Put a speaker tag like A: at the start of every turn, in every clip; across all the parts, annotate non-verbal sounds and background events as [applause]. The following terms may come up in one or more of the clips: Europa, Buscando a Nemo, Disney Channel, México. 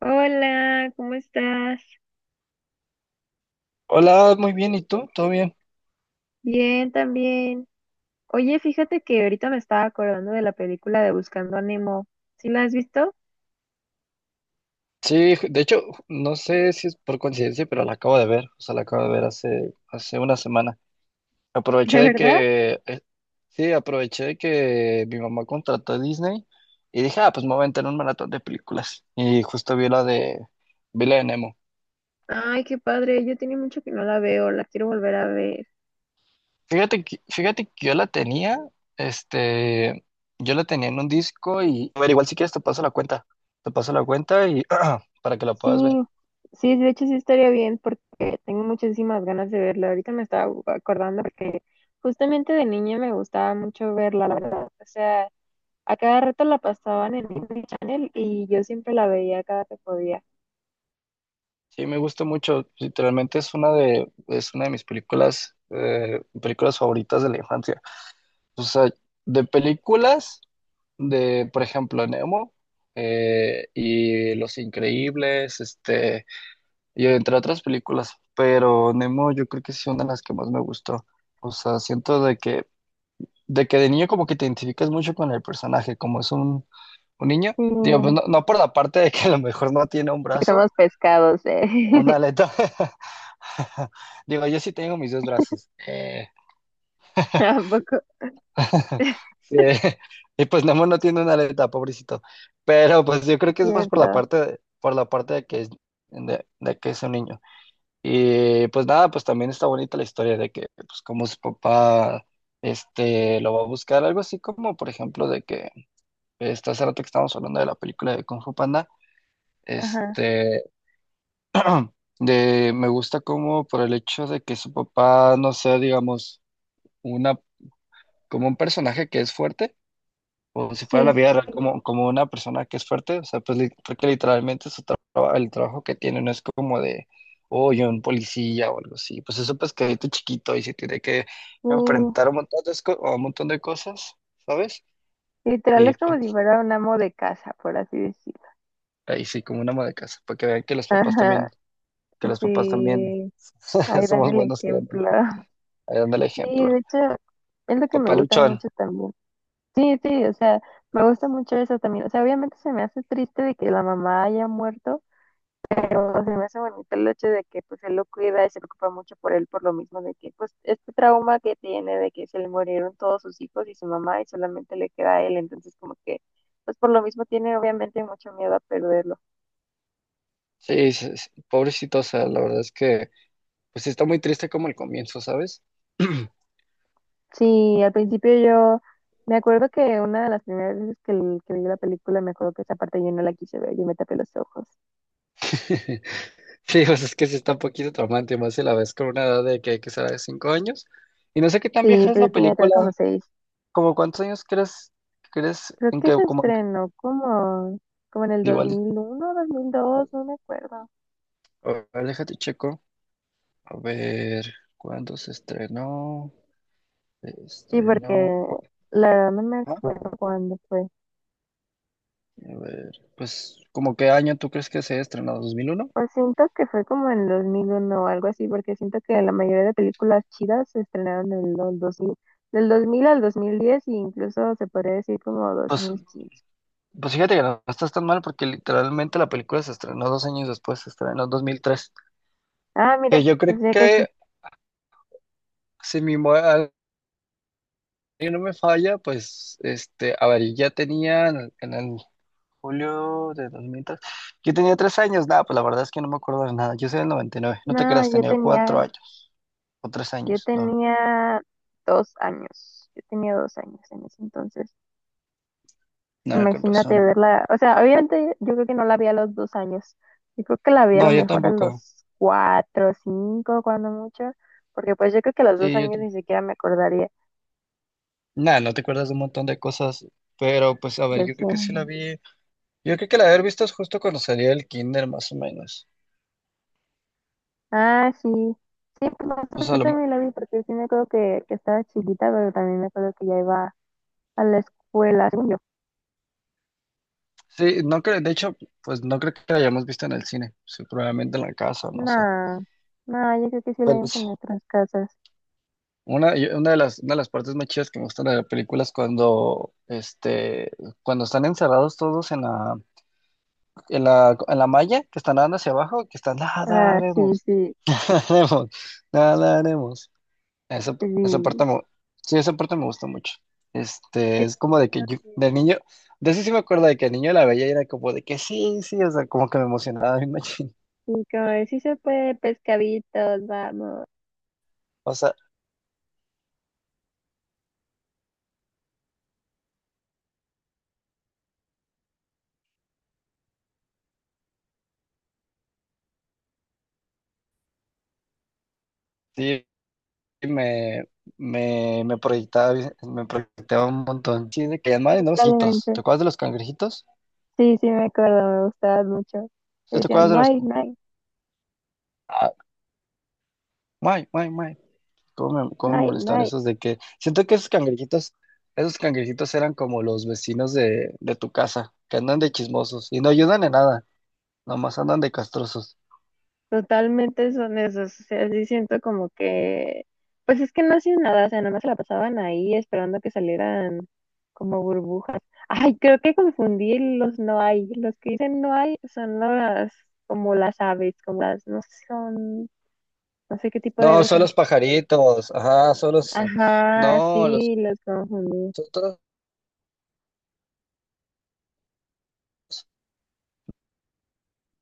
A: Hola, ¿cómo estás?
B: Hola, muy bien, ¿y tú? ¿Todo bien?
A: Bien, también. Oye, fíjate que ahorita me estaba acordando de la película de Buscando a Nemo. ¿Sí la has visto?
B: Sí, de hecho, no sé si es por coincidencia, pero la acabo de ver, o sea, la acabo de ver hace una semana.
A: [laughs]
B: Aproveché
A: ¿De
B: de
A: verdad?
B: que, sí, aproveché de que mi mamá contrató a Disney y dije, ah, pues me voy a entrar un maratón de películas. Y justo vi la de Nemo.
A: Ay, qué padre. Yo tenía mucho que no la veo, la quiero volver a ver.
B: Fíjate que yo la tenía, este, yo la tenía en un disco y, a ver, igual si quieres te paso la cuenta y [clears throat] para que la
A: Sí,
B: puedas ver.
A: sí, de hecho sí estaría bien porque tengo muchísimas ganas de verla. Ahorita me estaba acordando porque justamente de niña me gustaba mucho verla, la verdad. O sea, a cada rato la pasaban en Disney Channel y yo siempre la veía cada que podía.
B: Sí, me gusta mucho. Literalmente es una de mis películas favoritas de la infancia. O sea, de películas de, por ejemplo, Nemo, y Los Increíbles, y entre otras películas. Pero Nemo yo creo que sí es una de las que más me gustó. O sea, siento de que de niño como que te identificas mucho con el personaje, como es un niño.
A: Sí.
B: Digo, pues no, no por la parte de que a lo mejor no tiene un
A: ¿Que
B: brazo.
A: somos pescados, eh?
B: Una
A: [laughs]
B: aleta. [laughs] Digo, yo sí tengo mis dos brazos.
A: Tampoco.
B: [laughs] Sí, y pues Nemo no tiene una aleta, pobrecito. Pero pues yo creo que es más por la
A: Cierto.
B: parte de, por la parte de que es un niño. Y pues nada, pues también está bonita la historia de que pues como su papá lo va a buscar, algo así como por ejemplo de que hace rato que estábamos hablando de la película de Kung Fu Panda.
A: Ajá.
B: Este, [clears throat] Me gusta como por el hecho de que su papá no sea, digamos, una, como un personaje que es fuerte, o si fuera la
A: Sí.
B: vida real, como una persona que es fuerte, o sea, pues porque literalmente el trabajo que tiene no es como de, oh, yo un policía o algo así, pues eso pues que chiquito y se tiene que
A: Sí.
B: enfrentar a un montón de cosas, ¿sabes?
A: Literal
B: Y
A: es como
B: pues
A: si fuera un amo de casa, por así decirlo.
B: ahí sí, como una ama de casa, porque vean que
A: [laughs]
B: los papás
A: Ajá.
B: también, que los papás también
A: Sí.
B: [laughs]
A: Ahí dan
B: somos
A: el
B: buenos, créanme,
A: ejemplo.
B: ahí dan el
A: Sí,
B: ejemplo.
A: de hecho, es lo que me gusta
B: Papaluchón.
A: mucho también. Sí, sí, o sea, me gusta mucho eso también. O sea, obviamente se me hace triste de que la mamá haya muerto, pero se me hace bonito el hecho de que pues él lo cuida y se preocupa mucho por él por lo mismo de que pues este trauma que tiene de que se le murieron todos sus hijos y su mamá y solamente le queda a él, entonces como que pues por lo mismo tiene obviamente mucho miedo a perderlo.
B: Sí, pobrecito, o sea, la verdad es que, pues está muy triste como el comienzo, ¿sabes? [clears throat]
A: Sí, al principio yo me acuerdo que una de las primeras veces que, que vi la película me acuerdo que esa parte yo no la quise ver, yo me tapé los ojos.
B: Sí, pues es que sí está un poquito traumante, más si la ves con una edad de que hay que ser de 5 años. Y no sé qué tan
A: Sí,
B: vieja es
A: pero
B: la
A: yo tenía creo como
B: película,
A: seis.
B: como cuántos años crees
A: Creo
B: en
A: que
B: que,
A: se
B: como,
A: estrenó como en el
B: igual,
A: 2001, 2002, no me acuerdo.
B: a ver, déjate checo, a ver, ¿cuándo se estrenó? Se
A: Sí, porque
B: Estrenó, ¿cu-
A: la verdad no me
B: ah?
A: acuerdo cuándo fue.
B: A ver, pues, ¿como qué año tú crees que se estrenó? ¿2001?
A: Pues siento que fue como en 2001 o algo así, porque siento que la mayoría de películas chidas se estrenaron en los 2000 del 2000 al 2010 e incluso se podría decir como dos
B: Pues
A: mil quince.
B: Pues fíjate que no estás tan mal porque literalmente la película se estrenó 2 años después, se estrenó en 2003.
A: Ah, mira,
B: Yo
A: o
B: creo
A: sea que sí.
B: que si mi memoria no me falla, pues a ver, ya tenía en el julio de 2003. Yo tenía 3 años, nada, pues la verdad es que no me acuerdo de nada, yo soy del 99. No te
A: No,
B: creas, tenía 4 años o tres
A: yo
B: años, no,
A: tenía dos años, yo tenía dos años en ese entonces.
B: nada, con
A: Imagínate
B: razón.
A: verla, o sea, obviamente yo creo que no la vi a los dos años, yo creo que la vi a lo
B: No, yo
A: mejor a
B: tampoco.
A: los cuatro, cinco, cuando mucho, porque pues yo creo que a los dos
B: Sí,
A: años ni siquiera me acordaría,
B: nada, no te acuerdas de un montón de cosas, pero pues a ver,
A: yo
B: yo
A: sí.
B: creo que sí la vi, yo creo que la haber visto es justo cuando salía el kinder más o menos.
A: Ah, sí, sí, pues no,
B: O sea,
A: yo también la vi porque sí me acuerdo que estaba chiquita, pero también me acuerdo que ya iba a la escuela, según yo.
B: sí, no creo, de hecho, pues no creo que la hayamos visto en el cine, sí, probablemente en la casa, no sé.
A: No, no, yo creo que sí la
B: Pero
A: vimos
B: es
A: en nuestras casas.
B: una de las partes más chidas que me gustan de la película es cuando están encerrados todos en la malla, que están nadando hacia abajo, que están, nada
A: Ah, sí,
B: haremos,
A: sí,
B: [laughs] nadaremos, nadaremos". Esa, esa
A: sí,
B: parte sí, esa parte me gusta mucho.
A: sí,
B: Es como de que yo,
A: también.
B: de niño, de eso sí me acuerdo de que el niño la veía y era como de que sí, sí, o sea, como que me emocionaba bien machín.
A: Sí, como de, sí se puede, pescaditos, vamos.
B: O sea, sí, me, me proyectaba un montón. Sí, de que además no los hitos.
A: Totalmente.
B: ¿Te acuerdas de los cangrejitos?
A: Sí, sí, me acuerdo, me gustaban mucho.
B: ¿Sí? ¿Te
A: Decían,
B: acuerdas de
A: no
B: los?
A: hay, no hay,
B: Ah, guay, guay, guay. ¿Cómo me, cómo
A: no
B: me
A: hay, no
B: molestaban
A: hay.
B: esos de que siento que esos cangrejitos eran como los vecinos de tu casa, que andan de chismosos y no ayudan en nada, nomás andan de castrosos.
A: Totalmente son esos. O sea, sí siento como que, pues es que no hacían nada, o sea, nada más se la pasaban ahí esperando que salieran como burbujas. Ay, creo que confundí los no hay. Los que dicen no hay son las, como las aves, como las, no sé, son, no sé qué tipo de
B: No,
A: aves
B: son
A: son.
B: los pajaritos, ajá, son los,
A: Ajá,
B: no, los
A: sí, los confundí.
B: otros,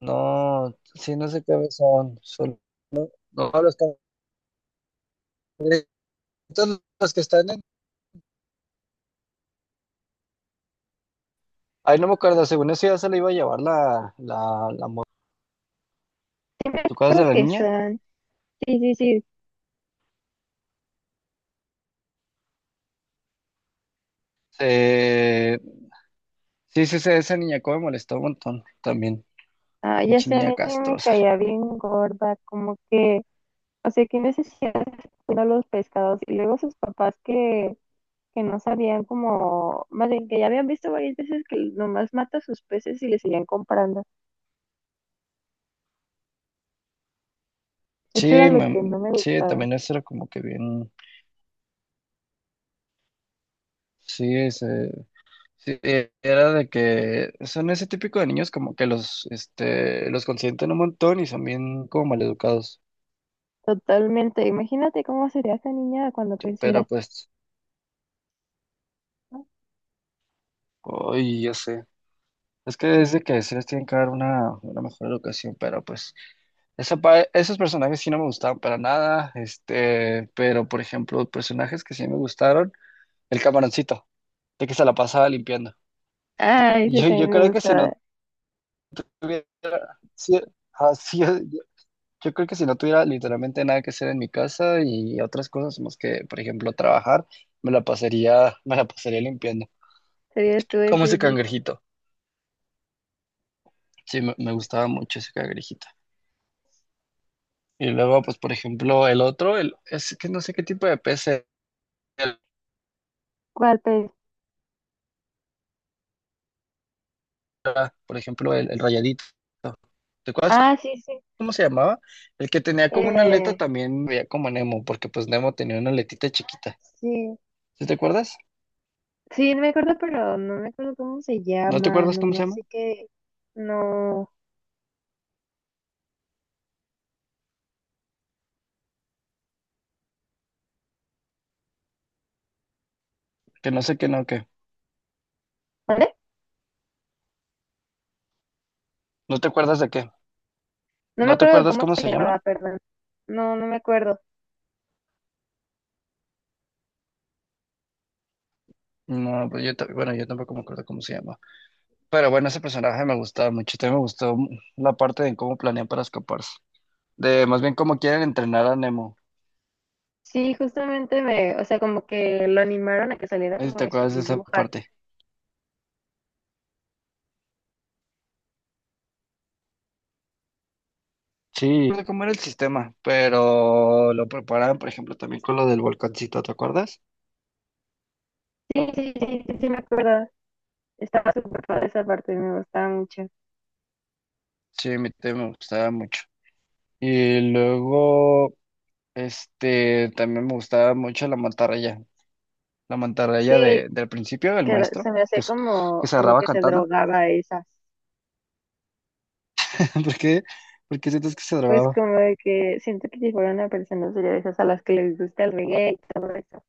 B: no, sí, no sé qué son, no, los cangrejitos, todos los que están en. Ay, no me acuerdo, según eso ya se le iba a llevar la.
A: Sí, me
B: ¿Tú acuerdas de
A: acuerdo
B: la
A: que
B: niña?
A: son. Sí, sí, sí.
B: Eh, sí, sí, sí, esa niña como me molestó un montón también.
A: Ah, ya
B: Pinche
A: sé, a
B: niña
A: mí también me
B: castrosa.
A: caía bien gorda, como que, o sea, qué necesidad de estar cuidando los pescados. Y luego sus papás que no sabían como, más bien que ya habían visto varias veces que nomás mata sus peces y le seguían comprando. Eso era
B: Sí,
A: lo que no me
B: sí,
A: gustaba.
B: también eso era como que bien. Sí, ese, sí, era de que son ese típico de niños como que los consienten un montón y son bien como maleducados.
A: Totalmente. Imagínate cómo sería esa niña cuando
B: Pero
A: creciera.
B: pues, hoy ya sé. Es que desde que se les tienen que dar una mejor educación, pero pues esos personajes sí no me gustaban para nada, pero por ejemplo, personajes que sí me gustaron, el camaroncito, de que se la pasaba limpiando.
A: Ah, ese
B: Yo
A: también me
B: creo que si no
A: gustaba.
B: tuviera, si- sí, yo creo que si no tuviera literalmente nada que hacer en mi casa y otras cosas más que, por ejemplo, trabajar, me la pasaría limpiando.
A: Serías tú
B: Como
A: ese
B: ese
A: día.
B: cangrejito. Sí, me gustaba mucho ese cangrejito. Y luego, pues, por ejemplo, el otro, el, es que no sé qué tipo de pez era,
A: ¿Cuál pez?
B: por ejemplo, el, rayadito. ¿Te acuerdas
A: Ah, sí, sí.
B: cómo se llamaba? El que tenía como una aleta
A: Eh,
B: también veía como Nemo, porque pues Nemo tenía una aletita chiquita.
A: sí.
B: ¿Sí te acuerdas?
A: Sí, no me acuerdo, pero no me acuerdo cómo se
B: ¿No te
A: llama,
B: acuerdas cómo se
A: nomás
B: llama?
A: sé que no.
B: Que no sé qué.
A: ¿Vale?
B: ¿No te acuerdas de qué?
A: No me
B: ¿No te
A: acuerdo de
B: acuerdas
A: cómo
B: cómo
A: se
B: se llama?
A: llamaba, perdón. No, no me acuerdo.
B: No, pues yo, bueno, yo tampoco me acuerdo cómo se llama. Pero bueno, ese personaje me gustaba mucho. También me gustó la parte de cómo planean para escaparse. De más bien cómo quieren entrenar a Nemo.
A: Sí, justamente me, o sea, como que lo animaron a que saliera
B: Ahí
A: como
B: ¿Te
A: de su
B: acuerdas de esa
A: burbuja.
B: parte? Sí, no sé cómo era el sistema, pero lo preparaban, por ejemplo, también con lo del volcancito, ¿te acuerdas?
A: Sí, sí, sí, sí, sí, me acuerdo. Estaba súper padre esa parte, me gustaba mucho.
B: Sí, a mí también me gustaba mucho. Y luego, también me gustaba mucho la mantarraya,
A: Sí,
B: del principio, el maestro,
A: se me
B: que,
A: hace
B: se- que
A: como,
B: se
A: como
B: grababa
A: que se
B: cantando.
A: drogaba esas.
B: [laughs] ¿Por qué? ¿Por qué sientes que se
A: Pues
B: grababa?
A: como de que siento que si fuera una persona sería de esas a las que les gusta el reggae y todo eso.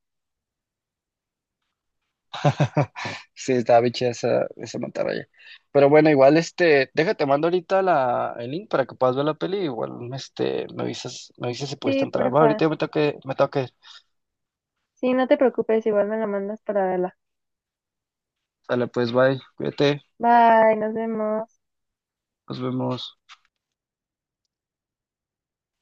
B: [laughs] Sí, estaba bicha esa mantarraya. Pero bueno, igual déjate, mando ahorita el link para que puedas ver la peli. Igual me avisas si pudiste
A: Sí,
B: entrar. Va,
A: porfa.
B: ahorita yo me tengo que ir.
A: Sí, no te preocupes, igual me la mandas para verla.
B: Sale, pues bye, cuídate,
A: Bye, nos vemos.
B: nos vemos.